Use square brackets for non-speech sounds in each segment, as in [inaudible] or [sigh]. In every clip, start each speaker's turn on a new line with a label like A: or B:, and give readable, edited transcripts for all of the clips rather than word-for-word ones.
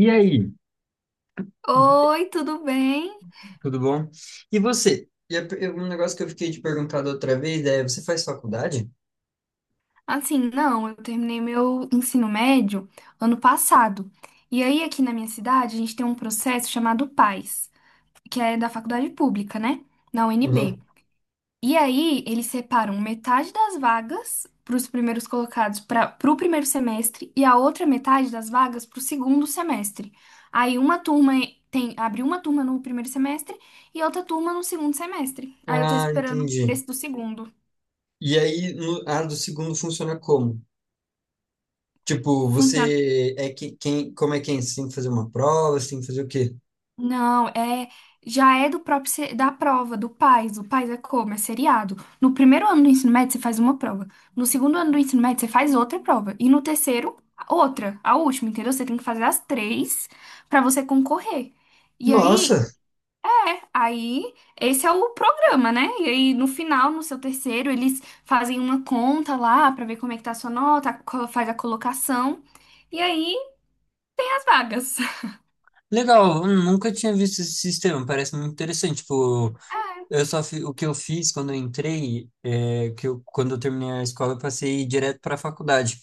A: E aí?
B: Oi, tudo bem?
A: Tudo bom? E você? Um negócio que eu fiquei te perguntado outra vez é, você faz faculdade?
B: Assim, não, eu terminei meu ensino médio ano passado. E aí, aqui na minha cidade, a gente tem um processo chamado PAS, que é da faculdade pública, né? Na UNB.
A: Uhum.
B: E aí, eles separam metade das vagas para os primeiros colocados para o primeiro semestre e a outra metade das vagas para o segundo semestre. Aí, uma turma tem, abre uma turma no primeiro semestre e outra turma no segundo semestre. Aí, eu tô
A: Ah,
B: esperando
A: entendi.
B: esse do segundo.
A: E aí, no, a do segundo funciona como? Tipo,
B: Funciona.
A: você é que, quem, como é quem? Você tem que fazer uma prova, você tem que fazer o quê?
B: Não, já é do próprio da prova do PAS. O PAS é como? É seriado. No primeiro ano do ensino médio você faz uma prova. No segundo ano do ensino médio você faz outra prova e no terceiro outra, a última, entendeu? Você tem que fazer as três pra você concorrer. E
A: Nossa,
B: aí é, aí esse é o programa, né? E aí no final, no seu terceiro, eles fazem uma conta lá pra ver como é que tá a sua nota, faz a colocação e aí as vagas.
A: legal, eu nunca tinha visto esse sistema, parece muito interessante. Tipo,
B: [laughs]
A: o que eu fiz quando eu entrei, que eu, quando eu terminei a escola, eu passei direto para a faculdade.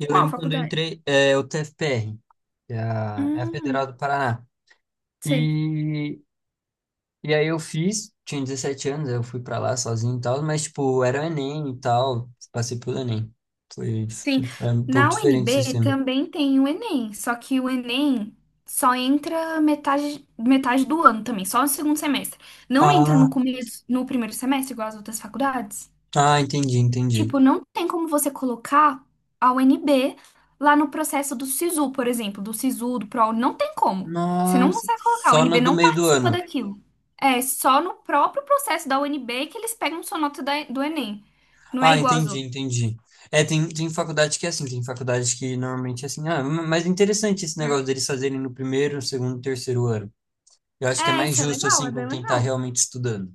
A: Eu
B: Qual
A: lembro quando eu
B: faculdade?
A: entrei, o TFPR, que é a
B: Hum,
A: Federal do Paraná.
B: sei.
A: E, e aí eu fiz, tinha 17 anos, eu fui pra lá sozinho e tal, mas, tipo, era o Enem e tal, passei pelo Enem. Foi,
B: Sim,
A: tipo, é um pouco
B: na
A: diferente o
B: UNB
A: sistema.
B: também tem o Enem, só que o Enem só entra metade, do ano também, só no segundo semestre. Não entra
A: Ah,
B: no começo, no primeiro semestre, igual as outras faculdades.
A: ah, entendi, entendi.
B: Tipo, não tem como você colocar a UNB lá no processo do SISU, por exemplo, do SISU, do PROAUNI, não tem como. Você não
A: Nossa,
B: consegue colocar, a
A: só no
B: UNB
A: do
B: não
A: meio do
B: participa
A: ano.
B: daquilo. É só no próprio processo da UNB que eles pegam sua nota do Enem. Não é
A: Ah,
B: igual às
A: entendi,
B: outras.
A: entendi. É, tem faculdade que é assim, tem faculdade que normalmente é assim. Ah, mas interessante esse negócio
B: É.
A: deles fazerem no primeiro, segundo, terceiro ano. Eu acho que é
B: É,
A: mais
B: isso é
A: justo,
B: legal, é
A: assim, com
B: bem
A: quem tá
B: legal.
A: realmente estudando.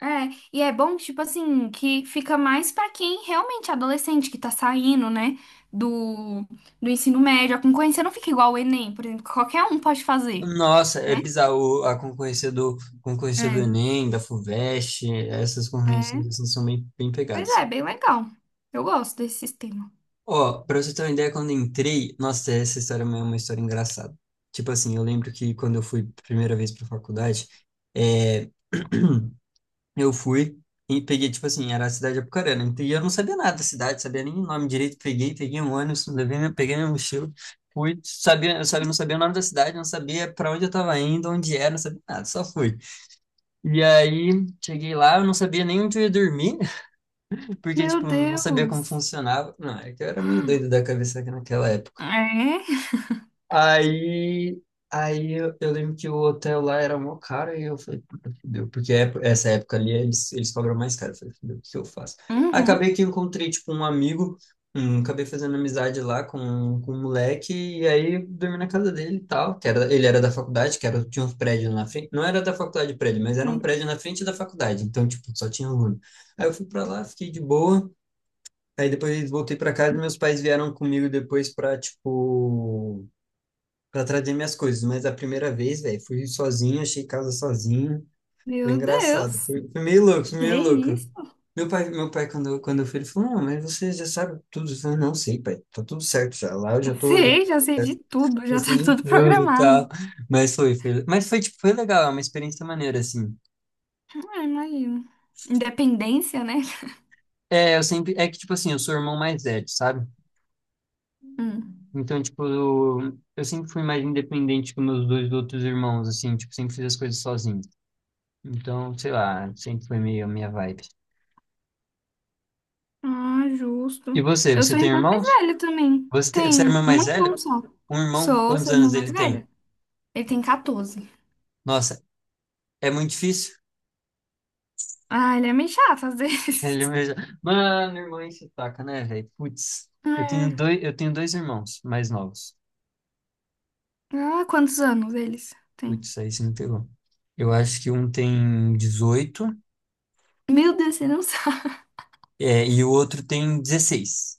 B: É, e é bom, tipo assim, que fica mais pra quem realmente é adolescente, que tá saindo, né, do, do ensino médio. A concorrência não fica igual o Enem, por exemplo, que qualquer um pode fazer,
A: Nossa, é
B: né?
A: bizarro a concorrência do
B: É,
A: Enem, da FUVEST, essas concorrências
B: é.
A: assim, são bem, bem
B: Pois
A: pegadas.
B: é, bem legal. Eu gosto desse sistema.
A: Ó, pra você ter uma ideia, quando eu entrei, nossa, essa história é uma história engraçada. Tipo assim, eu lembro que quando eu fui primeira vez pra faculdade, é, [clears throat] eu fui e peguei, tipo assim, era a cidade de Apucarana, e eu não sabia nada da cidade, sabia nem o nome direito, peguei um ônibus, levei, peguei minha mochila, fui, não sabia o nome da cidade, não sabia pra onde eu tava indo, onde era, não sabia nada, só fui. E aí, cheguei lá, eu não sabia nem onde eu ia dormir, [laughs] porque,
B: Meu
A: tipo, não sabia como
B: Deus.
A: funcionava. Não, é que eu era meio doido da cabeça naquela época.
B: É?
A: Aí, aí eu lembro que o hotel lá era mó caro e eu falei, puta, fudeu. Porque essa época ali eles cobram mais caro. Eu falei, fudeu, o que eu faço? Aí
B: Uhum.
A: acabei que encontrei, tipo, um amigo, acabei fazendo amizade lá com um moleque e aí dormi na casa dele e tal. Que era, ele era da faculdade, que era, tinha uns prédios na frente. Não era da faculdade prédio, mas era um
B: É.
A: prédio na frente da faculdade. Então, tipo, só tinha aluno. Aí eu fui pra lá, fiquei de boa. Aí depois voltei pra casa e meus pais vieram comigo depois pra, tipo pra trazer minhas coisas. Mas a primeira vez, velho, fui sozinho, achei casa sozinho. Foi
B: Meu
A: engraçado.
B: Deus.
A: Foi meio louco, foi
B: Que
A: meio louco.
B: isso?
A: Meu pai quando, quando eu fui, ele falou, não, mas você já sabe tudo. Eu falei, não sei, pai, tá tudo certo já. Lá eu já tô, já,
B: Sei, já sei de tudo,
A: já
B: já
A: sei
B: tá
A: de
B: tudo
A: tudo e
B: programado.
A: tal. Mas foi, tipo, foi legal, é uma experiência maneira, assim.
B: Ah, imagino. Independência, né?
A: É, é que, tipo assim, eu sou o irmão mais velho, sabe?
B: Hum.
A: Então, tipo, eu sempre fui mais independente que meus dois outros irmãos, assim, tipo, sempre fiz as coisas sozinho. Então, sei lá, sempre foi meio a minha vibe.
B: Ah,
A: E
B: justo.
A: você,
B: Eu
A: você
B: sou a
A: tem
B: irmã mais
A: irmãos?
B: velha também.
A: Você é a
B: Tenho
A: irmã
B: um
A: mais
B: irmão
A: velha?
B: só.
A: Um irmão,
B: Sou,
A: quantos
B: sou a
A: anos
B: irmã mais
A: ele tem?
B: velha. Ele tem 14.
A: Nossa, é muito difícil. [laughs]
B: Ah, ele é meio chato às vezes.
A: Ele
B: [laughs]
A: mesmo... Mano, irmão enche o taco, né, velho? Putz, eu tenho
B: É.
A: dois, eu tenho dois irmãos mais novos.
B: Ah, quantos anos eles têm?
A: Putz, aí você me pegou. Eu acho que um tem 18
B: Meu Deus, você não [laughs] sabe.
A: e o outro tem 16.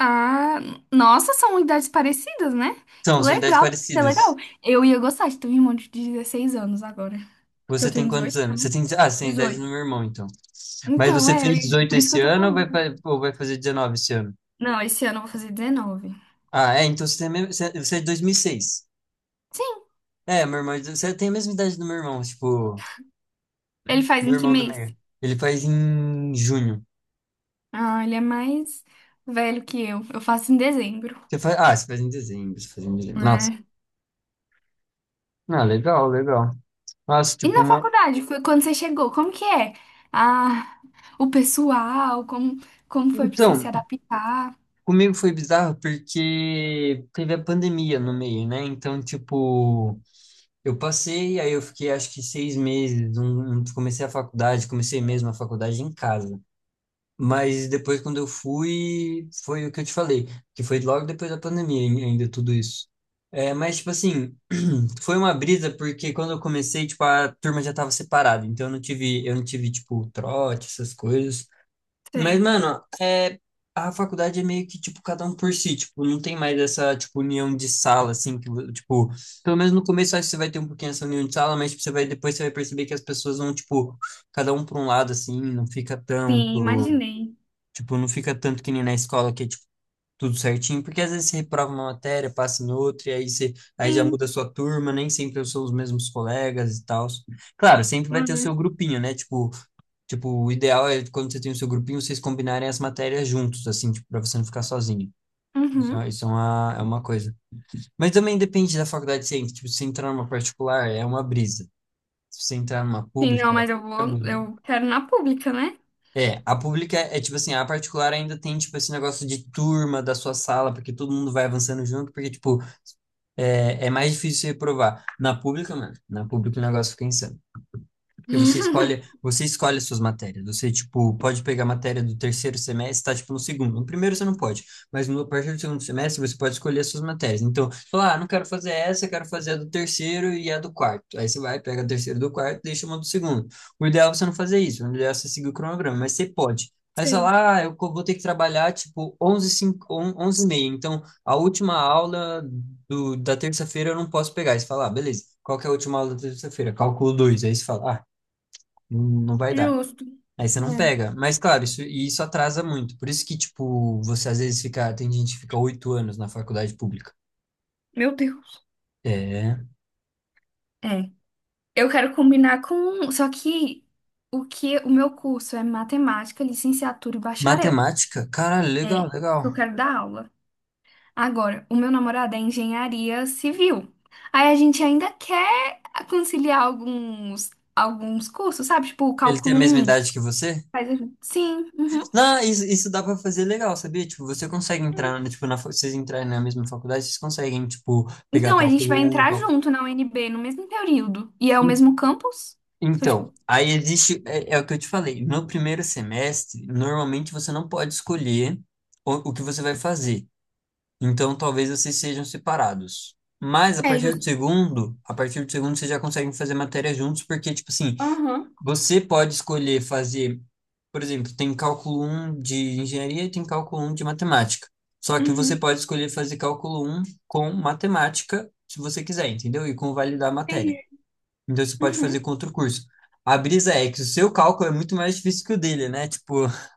B: Ah, nossa, são idades parecidas, né? Que
A: São idades
B: legal, deve ser legal.
A: parecidas.
B: Eu ia gostar de ter um irmão de 16 anos agora. Que
A: Você
B: eu
A: tem
B: tenho
A: quantos
B: 18
A: anos? Você tem,
B: também.
A: ah, você tem a idade do
B: 18.
A: meu irmão, então. Mas
B: Então,
A: você
B: é,
A: fez 18
B: por isso que
A: esse
B: eu tô
A: ano ou vai,
B: falando.
A: ou vai fazer 19 esse ano?
B: Não, esse ano eu vou fazer 19
A: Ah, é, então você, você é de 2006.
B: Sim.
A: É, meu irmão, você tem a mesma idade do meu irmão, tipo,
B: Ele faz
A: meu
B: em que
A: irmão do
B: mês?
A: meio. Ele faz em junho.
B: Ah, ele é mais velho que eu. Eu faço em dezembro,
A: Você faz em dezembro, você faz em dezembro. Nossa,
B: né?
A: ah, legal, legal. Nossa,
B: E
A: tipo,
B: na
A: uma...
B: faculdade, foi quando você chegou, como que é? Ah, o pessoal, como, como foi pra você se
A: Então,
B: adaptar?
A: comigo foi bizarro porque teve a pandemia no meio, né? Então, tipo, eu passei, aí eu fiquei acho que 6 meses, comecei a faculdade, comecei mesmo a faculdade em casa. Mas depois, quando eu fui, foi o que eu te falei, que foi logo depois da pandemia ainda tudo isso. É, mas, tipo assim, foi uma brisa porque quando eu comecei, tipo, a turma já tava separada, então eu não tive, tipo, trote, essas coisas. Mas,
B: Sei.
A: mano, a faculdade é meio que, tipo, cada um por si, tipo, não tem mais essa, tipo, união de sala, assim, que, tipo, pelo menos no começo acho que você vai ter um pouquinho essa união de sala, mas tipo, você vai, depois você vai perceber que as pessoas vão, tipo, cada um pra um lado, assim, não fica
B: Sim,
A: tanto.
B: imaginei.
A: Tipo, não fica tanto que nem na escola que é tipo tudo certinho, porque às vezes você reprova uma matéria, passa em outra, e aí você aí já
B: Sim.
A: muda a sua turma, nem sempre são os mesmos colegas e tal. Claro, sempre vai ter o seu
B: Uhum.
A: grupinho, né? Tipo, o ideal é quando você tem o seu grupinho, vocês combinarem as matérias juntos, assim, tipo, para você não ficar sozinho. Isso é
B: Uhum.
A: isso é uma, é uma coisa. Mas também depende da faculdade que você entra. Tipo, se você entrar numa particular, é uma brisa. Se você entrar numa
B: Sim, não,
A: pública,
B: mas eu vou, eu quero na pública, né?
A: é, a pública é, tipo assim, a particular ainda tem tipo esse negócio de turma da sua sala, porque todo mundo vai avançando junto, porque tipo, é mais difícil você provar. Na pública, mano, na pública o negócio fica insano. Porque você escolhe as suas matérias. Você, tipo, pode pegar a matéria do terceiro semestre, tá, tipo, no segundo. No primeiro você não pode, mas no, a partir do segundo semestre você pode escolher as suas matérias. Então, falar ah, não quero fazer essa, eu quero fazer a do terceiro e a do quarto. Aí você vai, pega a terceira do quarto, deixa uma do segundo. O ideal é você não fazer isso, o ideal é você seguir o cronograma, mas você pode. Aí você
B: Sei.
A: fala, ah, vou ter que trabalhar, tipo, 11 5, 11 e meia. Então, a última aula da terça-feira eu não posso pegar. Aí você fala, ah, beleza. Qual que é a última aula da terça-feira? Cálculo 2. Aí você fala, ah, não, não vai dar.
B: Justo.
A: Aí você não
B: É.
A: pega. Mas, claro, isso, e isso atrasa muito. Por isso que, tipo, você às vezes fica. Tem gente que fica 8 anos na faculdade pública.
B: Meu Deus.
A: É.
B: É. Eu quero combinar com. Só que o meu curso é matemática, licenciatura e bacharel.
A: Matemática? Caralho,
B: É.
A: legal, legal.
B: Eu quero dar aula. Agora, o meu namorado é engenharia civil. Aí a gente ainda quer conciliar alguns cursos, sabe? Tipo, o
A: Ele tem a
B: cálculo
A: mesma
B: um
A: idade que você?
B: Sim, uhum.
A: Não, isso dá pra fazer legal, sabia? Tipo, você consegue entrar, né, tipo, vocês entrarem na mesma faculdade, vocês conseguem, tipo, pegar
B: Então a gente vai
A: cálculo 1,
B: entrar
A: cálculo...
B: junto na UNB no mesmo período. E é o
A: En-
B: mesmo campus? Só
A: Então,
B: tipo.
A: aí existe, é o que eu te falei, no primeiro semestre, normalmente você não pode escolher o que você vai fazer. Então talvez vocês sejam separados. Mas a
B: É
A: partir do
B: justo.
A: segundo, a partir do segundo vocês já conseguem fazer matéria juntos, porque, tipo assim,
B: Aham.
A: você pode escolher fazer, por exemplo, tem cálculo um de engenharia e tem cálculo um de matemática. Só que você
B: Uhum.
A: pode escolher fazer cálculo um com matemática, se você quiser, entendeu? E com validar a matéria.
B: Entendi.
A: Então você pode
B: Uhum.
A: fazer com outro curso. A brisa é que o seu cálculo é muito mais difícil que o dele, né? Tipo, [laughs]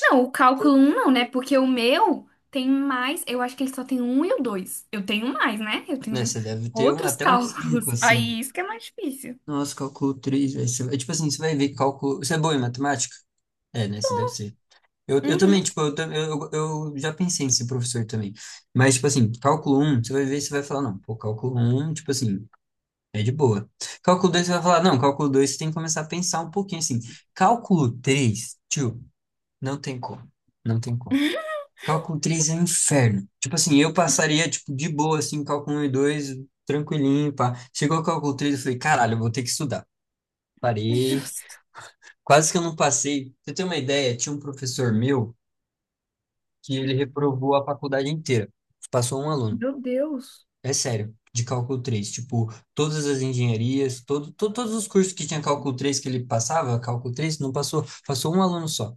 B: Não, o cálculo um não, né? Porque o meu tem mais. Eu acho que ele só tem um e o dois. Eu tenho mais, né? Eu
A: né,
B: tenho
A: você deve ter um,
B: outros [laughs]
A: até uns 5
B: cálculos.
A: assim.
B: Aí isso que é mais difícil.
A: Nossa, cálculo 3 velho. Tipo assim, você vai ver cálculo. Você é boa em matemática? É, né? Você deve ser. Eu também,
B: Uhum.
A: tipo, eu já pensei em ser professor também. Mas, tipo assim, cálculo um você vai ver, você vai falar, não, pô, cálculo um tipo assim, é de boa. Cálculo 2 você vai falar, não, cálculo 2 você tem que começar a pensar um pouquinho assim. Cálculo 3 tio, não tem como. Não tem como. Cálculo 3 é um inferno. Tipo assim, eu passaria, tipo, de boa, assim, cálculo um e 2 tranquilinho, pá. Chegou o cálculo 3 eu falei, caralho, eu vou ter que estudar. Parei.
B: Justo.
A: Quase que eu não passei. Pra você tem uma ideia? Tinha um professor meu que ele reprovou a faculdade inteira. Passou um aluno.
B: Meu Deus.
A: É sério, de cálculo 3. Tipo, todas as engenharias, todos os cursos que tinha cálculo 3 que ele passava, cálculo 3 não passou, passou um aluno só.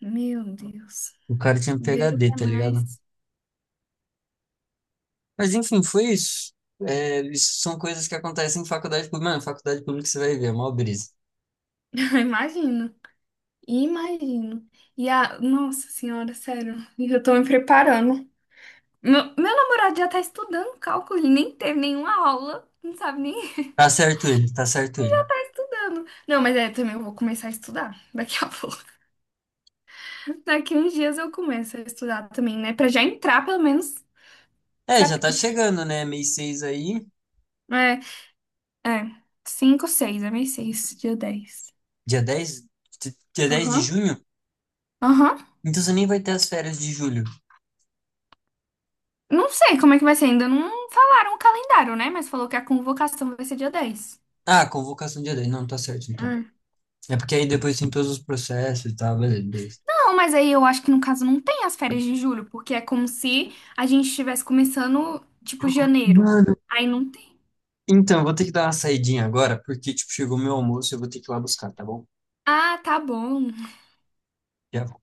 B: Meu Deus.
A: O cara tinha
B: Deus
A: PhD,
B: é
A: tá ligado?
B: mais.
A: Mas enfim, foi isso. É, isso são coisas que acontecem em faculdade pública. Mano, faculdade pública você vai ver, é mó brisa.
B: [laughs] Eu imagino. Imagino. E a. Nossa Senhora, sério. E eu tô me preparando. Meu namorado já tá estudando cálculo. Ele nem teve nenhuma aula. Não sabe nem [laughs]
A: Tá certo ele, tá certo ele.
B: estudando. Não, mas é, também eu vou começar a estudar daqui a [laughs] pouco. Daqui uns dias eu começo a estudar também, né? Pra já entrar, pelo menos,
A: É, já
B: sabe?
A: tá chegando, né? Mês 6 aí,
B: É, é. 5, 6, é mês 6 dia 10
A: dia 10, dia 10 de
B: Aham.
A: junho.
B: Aham.
A: Então você nem vai ter as férias de julho.
B: Não sei como é que vai ser, ainda não falaram o calendário, né? Mas falou que a convocação vai ser dia dez.
A: Ah, convocação dia 10. Não, tá certo então.
B: Ah,
A: É porque aí depois tem todos os processos e tal, beleza, beleza.
B: Não, mas aí eu acho que no caso não tem as férias de julho, porque é como se a gente estivesse começando, tipo, janeiro.
A: Mano,
B: Aí não tem.
A: então, vou ter que dar uma saidinha agora, porque, tipo, chegou meu almoço e eu vou ter que ir lá buscar, tá bom?
B: Ah, tá bom.
A: Já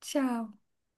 B: Tchau.